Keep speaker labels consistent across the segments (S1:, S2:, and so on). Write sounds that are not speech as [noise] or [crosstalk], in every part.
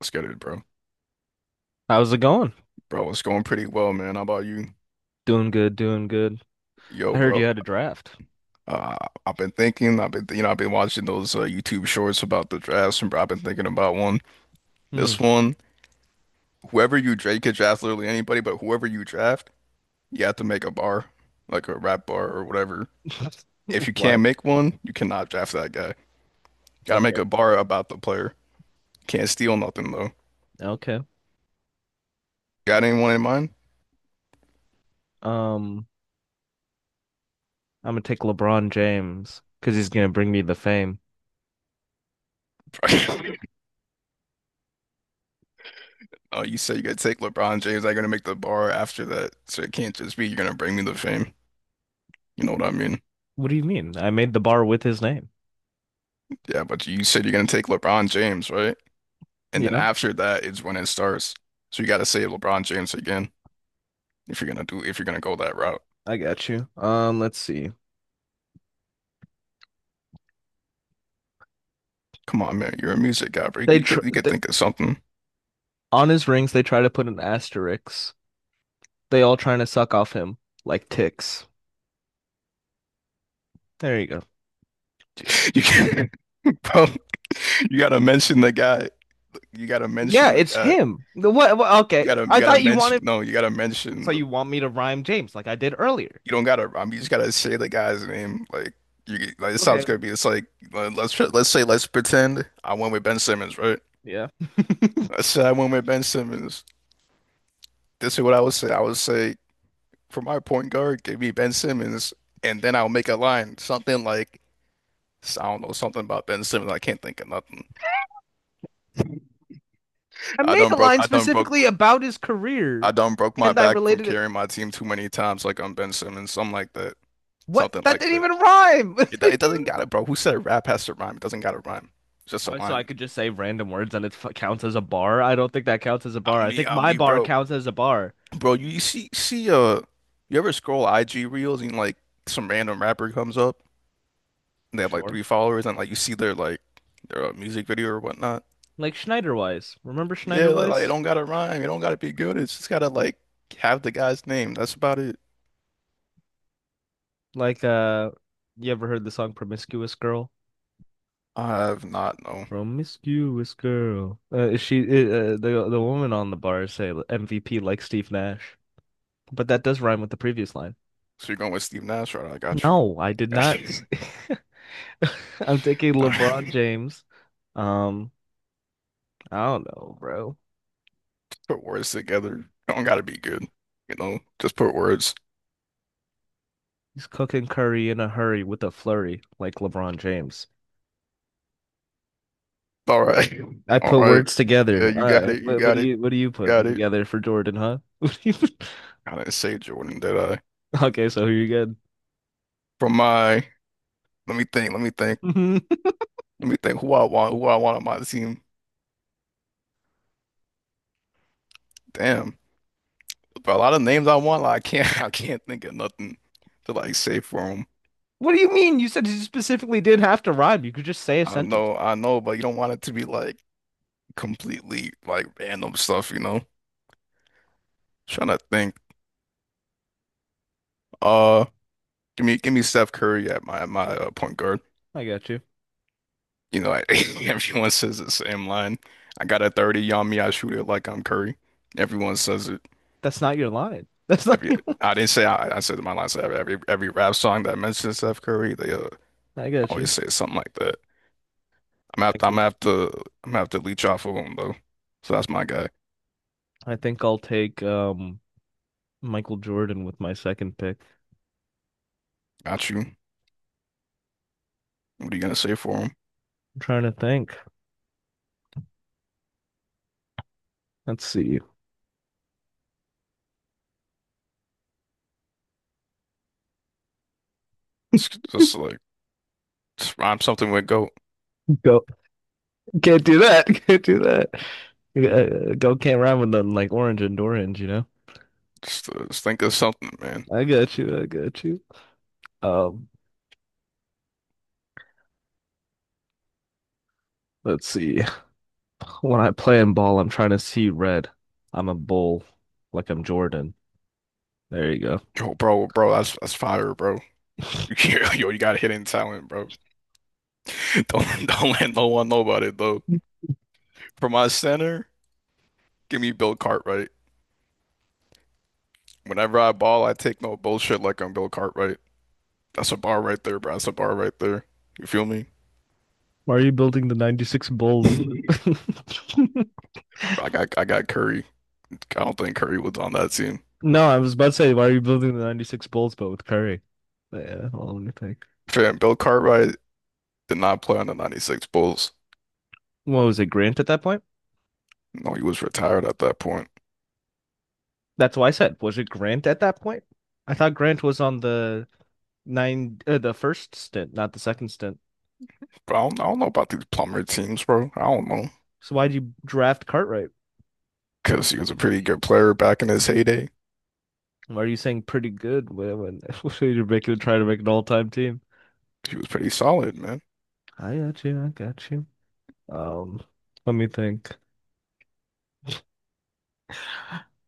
S1: Let's get it, bro.
S2: How's it going?
S1: Bro, it's going pretty well, man. How about you?
S2: Doing good, doing good.
S1: Yo,
S2: I heard
S1: bro.
S2: you had a draft.
S1: Uh, I've been thinking. I've been, I've been watching those YouTube shorts about the drafts, and bro, I've been thinking about one.
S2: Hmm.
S1: This one, whoever you draft, you could draft literally anybody, but whoever you draft, you have to make a bar, like a rap bar or whatever.
S2: [laughs]
S1: If you can't
S2: What?
S1: make one, you cannot draft that guy. Gotta make
S2: Okay.
S1: a bar about the player. Can't steal nothing though.
S2: Okay.
S1: Got anyone in mind?
S2: Um, I'm gonna take LeBron James because he's gonna bring me the fame.
S1: [laughs] Oh, you said you gotta take LeBron James. I gotta make the bar after that, so it can't just be you're gonna bring me the fame. You know what I mean?
S2: What do you mean? I made the bar with his name.
S1: Yeah, but you said you're gonna take LeBron James, right? And then
S2: Yeah,
S1: after that is when it starts. So you gotta save LeBron James again if you're gonna go that route.
S2: I got you. Let's see.
S1: Come on, man, you're a music guy, bro.
S2: They
S1: You
S2: tr
S1: could you could
S2: th
S1: think of something.
S2: On his rings they try to put an asterisk. They all trying to suck off him like ticks. There you go.
S1: [laughs] You can, [laughs] bro, you gotta mention the guy. You gotta
S2: Yeah,
S1: mention the
S2: it's
S1: guy.
S2: him. What?
S1: You
S2: Okay,
S1: gotta you
S2: I
S1: gotta
S2: thought you
S1: mention
S2: wanted.
S1: no, you gotta mention
S2: So
S1: the
S2: you want me to rhyme James like I did earlier?
S1: you don't gotta I mean you just gotta say the guy's name. Like you like it sounds
S2: Okay.
S1: good, but it's like let's say let's pretend I went with Ben Simmons, right?
S2: Yeah.
S1: Let's say I went with Ben Simmons. This is what I would say. I would say for my point guard, give me Ben Simmons, and then I'll make a line, something like I don't know, something about Ben Simmons. I can't think of nothing.
S2: I
S1: I
S2: made
S1: done
S2: a
S1: broke,
S2: line
S1: I done broke,
S2: specifically about his career,
S1: I done broke my
S2: and I
S1: back from
S2: related it.
S1: carrying my team too many times, like I'm Ben Simmons, something like that,
S2: What?
S1: something
S2: That
S1: like
S2: didn't
S1: that.
S2: even rhyme. [laughs]
S1: It doesn't gotta, bro. Who said rap has to rhyme? It doesn't gotta rhyme. It's just a
S2: So I
S1: line.
S2: could just say random words and it counts as a bar. I don't think that counts as a bar.
S1: I'm
S2: I
S1: me,
S2: think
S1: I'm
S2: my
S1: me,
S2: bar
S1: bro.
S2: counts as a bar.
S1: Bro, you see, you ever scroll IG reels and like some random rapper comes up and they have like
S2: Sure.
S1: three followers and like you see their like their music video or whatnot.
S2: Like Schneiderwise. Remember
S1: Yeah, like it
S2: Schneiderwise?
S1: don't gotta rhyme. It don't gotta be good. It's just gotta like have the guy's name. That's about it.
S2: Like you ever heard the song "Promiscuous Girl"?
S1: I have not, no.
S2: Promiscuous girl. She the woman on the bar say MVP like Steve Nash, but that does rhyme with the previous line.
S1: So you're going with Steve Nash, right? I got you.
S2: No, I did
S1: I got
S2: not.
S1: you.
S2: [laughs] [laughs] I'm taking
S1: [laughs] All
S2: LeBron
S1: right.
S2: James. Um, I don't know, bro.
S1: Put words together. Don't gotta be good. You know, just put words.
S2: He's cooking curry in a hurry with a flurry, like LeBron James.
S1: All right.
S2: I
S1: [laughs] All
S2: put
S1: right.
S2: words
S1: Yeah,
S2: together. All
S1: you got
S2: right,
S1: it. You
S2: what, what
S1: got
S2: do
S1: it.
S2: you what do you
S1: You
S2: putting
S1: got it.
S2: together for Jordan, huh? [laughs] What do you- put-
S1: I didn't say Jordan, did I?
S2: [laughs] Okay, so you're good.
S1: From my, let me think. Let me think.
S2: [laughs]
S1: Let me think. Who I want? Who I want on my team? Damn. But a lot of names I want, like, I can't. [laughs] I can't think of nothing to like say for 'em.
S2: What do you mean? You said you specifically didn't have to rhyme. You could just say a sentence.
S1: I know, but you don't want it to be like completely like random stuff, you know? Trying to think. Uh, give me Steph Curry at my point guard.
S2: I got you.
S1: You know, I, [laughs] everyone says the same line. I got a 30 on me. I shoot it like I'm Curry. Everyone says it.
S2: That's not your line. [laughs] That's not
S1: Every
S2: your.
S1: I didn't say I said my line. So every rap song that mentions Steph Curry, they
S2: [laughs] I got you.
S1: always say something like that.
S2: I think
S1: I'm gonna have to leech off of him though. So that's my guy.
S2: I think I'll take Michael Jordan with my second pick.
S1: Got you. What are you gonna say for him?
S2: I'm trying to think. Let's see.
S1: It's just like. Just rhyme something with goat.
S2: Go Can't do that. [laughs] Can't do that. Go can't rhyme with nothing like orange and orange, you know?
S1: Just think of something, man.
S2: I got you. I got you. Um, let's see. [laughs] When I play in ball, I'm trying to see red. I'm a bull, like I'm Jordan. There you go.
S1: Yo, bro, that's fire, bro. [laughs]
S2: [laughs]
S1: Yo, yo, you got hidden talent, bro. [laughs] Don't let no one know about it though. For my center, give me Bill Cartwright. Whenever I ball, I take no bullshit like I'm Bill Cartwright. That's a bar right there, bro. That's a bar right there. You feel me?
S2: Why are you building the 96
S1: [laughs] I
S2: Bulls with...
S1: I got Curry. I don't think Curry was on that team.
S2: [laughs] No, I was about to say, why are you building the 96 Bulls but with Curry? But yeah, well, let me think.
S1: Fam, Bill Cartwright did not play on the 96 Bulls.
S2: What was it, Grant at that point?
S1: No, he was retired at that point.
S2: That's why I said, was it Grant at that point? I thought Grant was on the nine the first stint, not the second stint.
S1: But I don't know about these plumber teams, bro. I don't know.
S2: So why did you draft Cartwright?
S1: Because he was a pretty good player back in his heyday.
S2: Why are you saying pretty good [laughs] when, when you're making trying to make an all time team?
S1: He was pretty solid, man.
S2: I got you, I got you. Um, Let me think.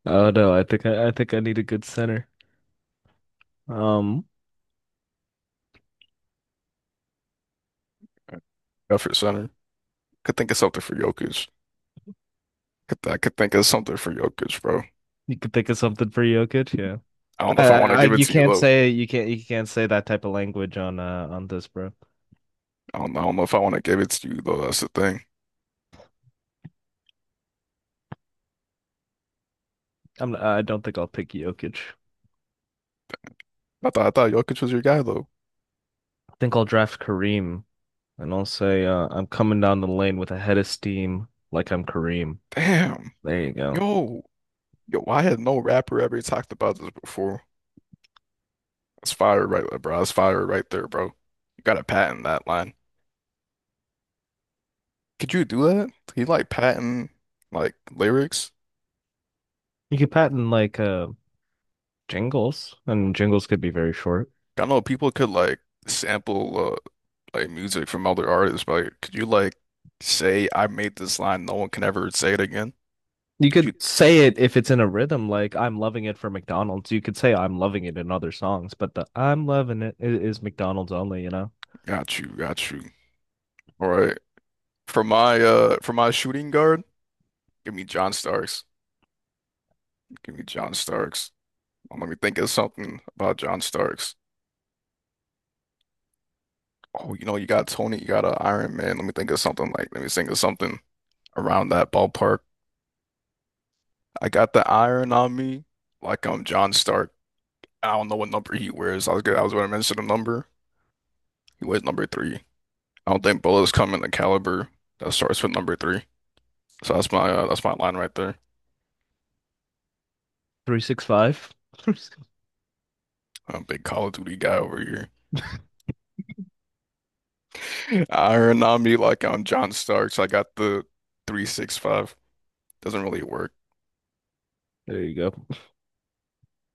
S2: Oh no, I think I need a good center. Um,
S1: Effort center. Could think of something for Jokic. I could think of something for Jokic, bro.
S2: you could think of something for Jokic, yeah.
S1: I don't know if I want to
S2: I
S1: give it
S2: You
S1: to you,
S2: can't
S1: though.
S2: say you can't say that type of language on this, bro.
S1: I don't know if I want to give it to you, though. That's the thing.
S2: I don't think I'll pick Jokic.
S1: I thought Jokic was your guy, though.
S2: I think I'll draft Kareem. And I'll say, I'm coming down the lane with a head of steam like I'm Kareem.
S1: Damn.
S2: There you go.
S1: Yo. Yo, I had no rapper ever talked about this before. That's fire right there, bro. That's fire right there, bro. You gotta patent that line. Could you do that? Can you like patent like lyrics?
S2: You could patent like jingles, and jingles could be very short.
S1: I don't know, people could like sample like music from other artists, but like, could you like say I made this line, no one can ever say it again?
S2: You
S1: You
S2: could say it if it's in a rhythm, like I'm loving it for McDonald's. You could say I'm loving it in other songs, but the I'm loving is McDonald's only, you know?
S1: got you. All right. For my shooting guard, give me John Starks. Give me John Starks. Let me think of something about John Starks. Oh, you know, you got Tony, you got an Iron Man. Let me think of something like let me think of something around that ballpark. I got the iron on me, like I'm John Stark. I don't know what number he wears. I was good. I was going to mention a number. He weighs number three. I don't think bullets come in the caliber that starts with number three. So that's my line right there.
S2: 365. [laughs]
S1: I'm a big Call of Duty guy over here. [laughs] Iron on me like I'm John Starks. I got the 365. Doesn't really work.
S2: There you go.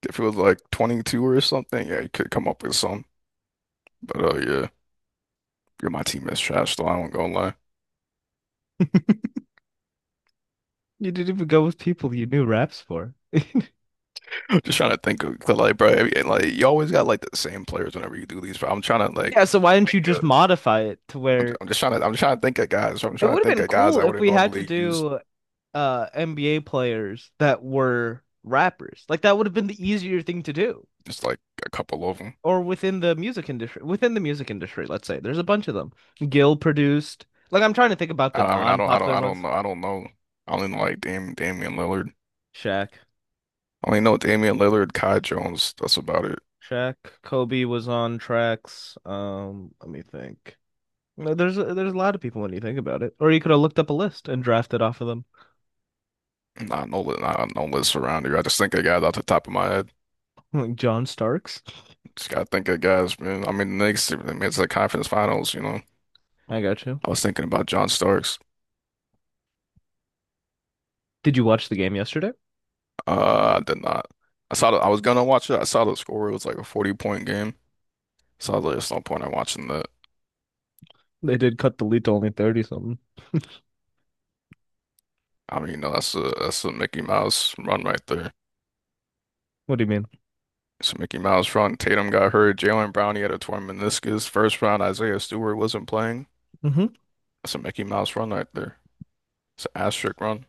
S1: If it was like 22 or something, yeah, you could come up with some. But yeah, you're my team is trash, though. I won't go and lie.
S2: [laughs] You didn't even go with people you knew raps for.
S1: [laughs] Just trying to think of 'cause, like, bro, like you always got like the same players whenever you do these. But I'm trying to like
S2: Yeah, so why didn't you
S1: think of.
S2: just modify it to where
S1: I'm just trying to. I'm just trying to think of guys. I'm
S2: it
S1: trying
S2: would
S1: to
S2: have
S1: think
S2: been
S1: of guys
S2: cool
S1: I
S2: if
S1: wouldn't
S2: we had to
S1: normally use.
S2: do NBA players that were rappers. Like that would have been the easier thing to do.
S1: Just like a couple of them.
S2: Or within the music industry, within the music industry, let's say. There's a bunch of them. Gil produced. Like I'm trying to think about
S1: I,
S2: the
S1: I mean, I don't, I don't,
S2: non-popular
S1: I don't
S2: ones.
S1: know. I don't know. I only know like Damian Lillard.
S2: Shaq.
S1: I only know Damian Lillard, Kai Jones. That's about it.
S2: Shaq, Kobe was on tracks. Let me think. No, there's there's a lot of people when you think about it. Or you could have looked up a list and drafted off of them.
S1: Not no list around here. I just think of guys off the top of my head.
S2: Like John Starks.
S1: Just gotta think of guys, man. I mean, the Knicks. I mean, it's the conference finals. You know,
S2: I got you.
S1: I was thinking about John Starks.
S2: Did you watch the game yesterday?
S1: I did not. I was gonna watch it. I saw the score. It was like a 40 point game. So I was like, there's no point in watching that.
S2: They did cut the lead to only 30 something.
S1: I mean, you know, that's a Mickey Mouse run right there.
S2: What do you mean?
S1: So Mickey Miles front, Tatum got hurt, Jalen Brown he had a torn meniscus. First round, Isaiah Stewart wasn't playing.
S2: Hmm.
S1: That's a Mickey Mouse run right there. It's an asterisk run.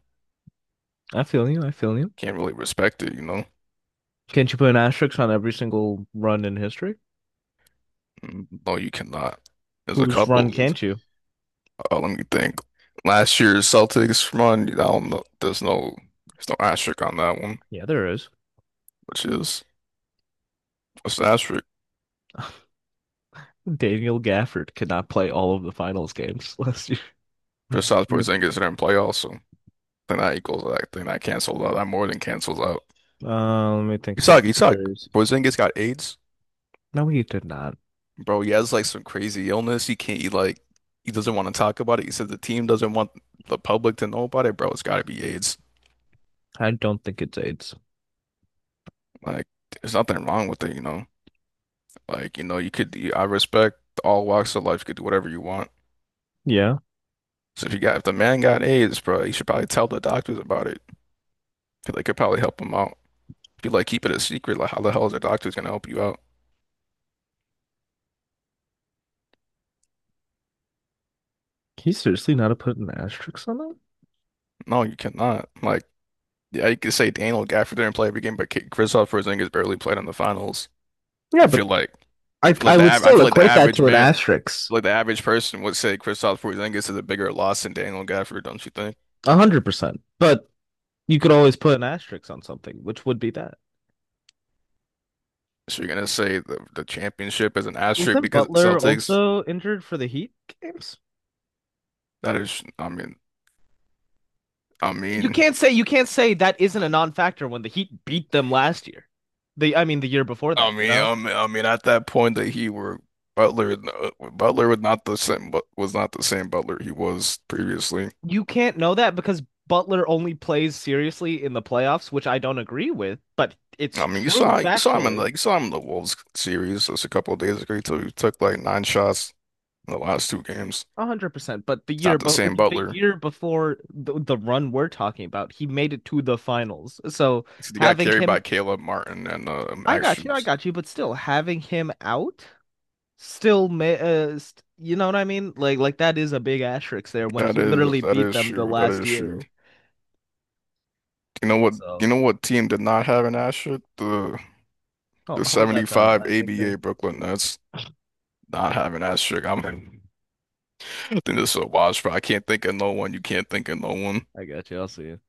S2: I feel you. I feel you.
S1: Can't really respect it, you know?
S2: Can't you put an asterisk on every single run in history?
S1: Mm, no, you cannot. There's a
S2: Whose
S1: couple.
S2: run
S1: There's-
S2: can't you?
S1: Let me think. Last year's Celtics run, I don't know. There's no asterisk on that one,
S2: Yeah, there is.
S1: which is it's an asterisk.
S2: Daniel Gafford could not play all of the finals games last year. [laughs]
S1: Kristaps
S2: You.
S1: Porzingis didn't play also. Then that equals that. Then that cancels out. That more than cancels out.
S2: Let me think
S1: You
S2: about
S1: suck.
S2: the
S1: You suck.
S2: series.
S1: Porzingis got AIDS.
S2: No, he did not.
S1: Bro, he has like some crazy illness. He can't, he like, he doesn't want to talk about it. He said the team doesn't want the public to know about it. Bro, it's got to be AIDS.
S2: I don't think it's AIDS.
S1: Like, there's nothing wrong with it, you know? Like, you know, you could, I respect all walks of life. You could do whatever you want.
S2: Yeah.
S1: So if you got, if the man got AIDS, bro, you should probably tell the doctors about it. 'Cause they could probably help him out. If you like keep it a secret, like, how the hell is the doctors gonna help you out?
S2: Can you seriously not have put an asterisk on that?
S1: No, you cannot. Like, yeah, you could say Daniel Gafford didn't play every game, but Kristaps Porzingis barely played in the finals.
S2: Yeah,
S1: I
S2: but
S1: feel like,
S2: I would
S1: I
S2: still
S1: feel like the
S2: equate that
S1: average
S2: to an
S1: man.
S2: asterisk.
S1: Like the average person would say Kristaps Porzingis is a bigger loss than Daniel Gafford, don't you think?
S2: 100%. But you could always put an asterisk on something, which would be that.
S1: So you're gonna say the championship is an asterisk
S2: Wasn't
S1: because
S2: Butler
S1: Celtics?
S2: also injured for the Heat games?
S1: That is, I mean, I mean,
S2: You can't say that isn't a non-factor when the Heat beat them last year. The I mean the year before that, you know?
S1: at that point that he were Butler, Butler was not the same, but was not the same Butler he was previously.
S2: You can't know that because Butler only plays seriously in the playoffs, which I don't agree with, but it's
S1: I mean,
S2: true factually.
S1: you saw him in the Wolves series just a couple of days ago. He took like 9 shots in the last two games.
S2: 100%.
S1: It's not the
S2: But
S1: same
S2: the
S1: Butler.
S2: year before the run we're talking about, he made it to the finals. So
S1: He got
S2: having
S1: carried
S2: him,
S1: by Caleb Martin and
S2: I
S1: Max
S2: got you, I
S1: Strus.
S2: got you. But still, having him out, still, ma st you know what I mean? Like that is a big asterisk there when he literally
S1: That
S2: beat
S1: is
S2: them the
S1: true. That
S2: last
S1: is true.
S2: year.
S1: You know what?
S2: Also,
S1: You know what team did not have an asterisk? The
S2: oh,
S1: the
S2: hold that thought.
S1: 75
S2: I think
S1: ABA Brooklyn Nets not having an asterisk. I think this is a wash, but I can't think of no one. You can't think of no one.
S2: I got you. I'll see you.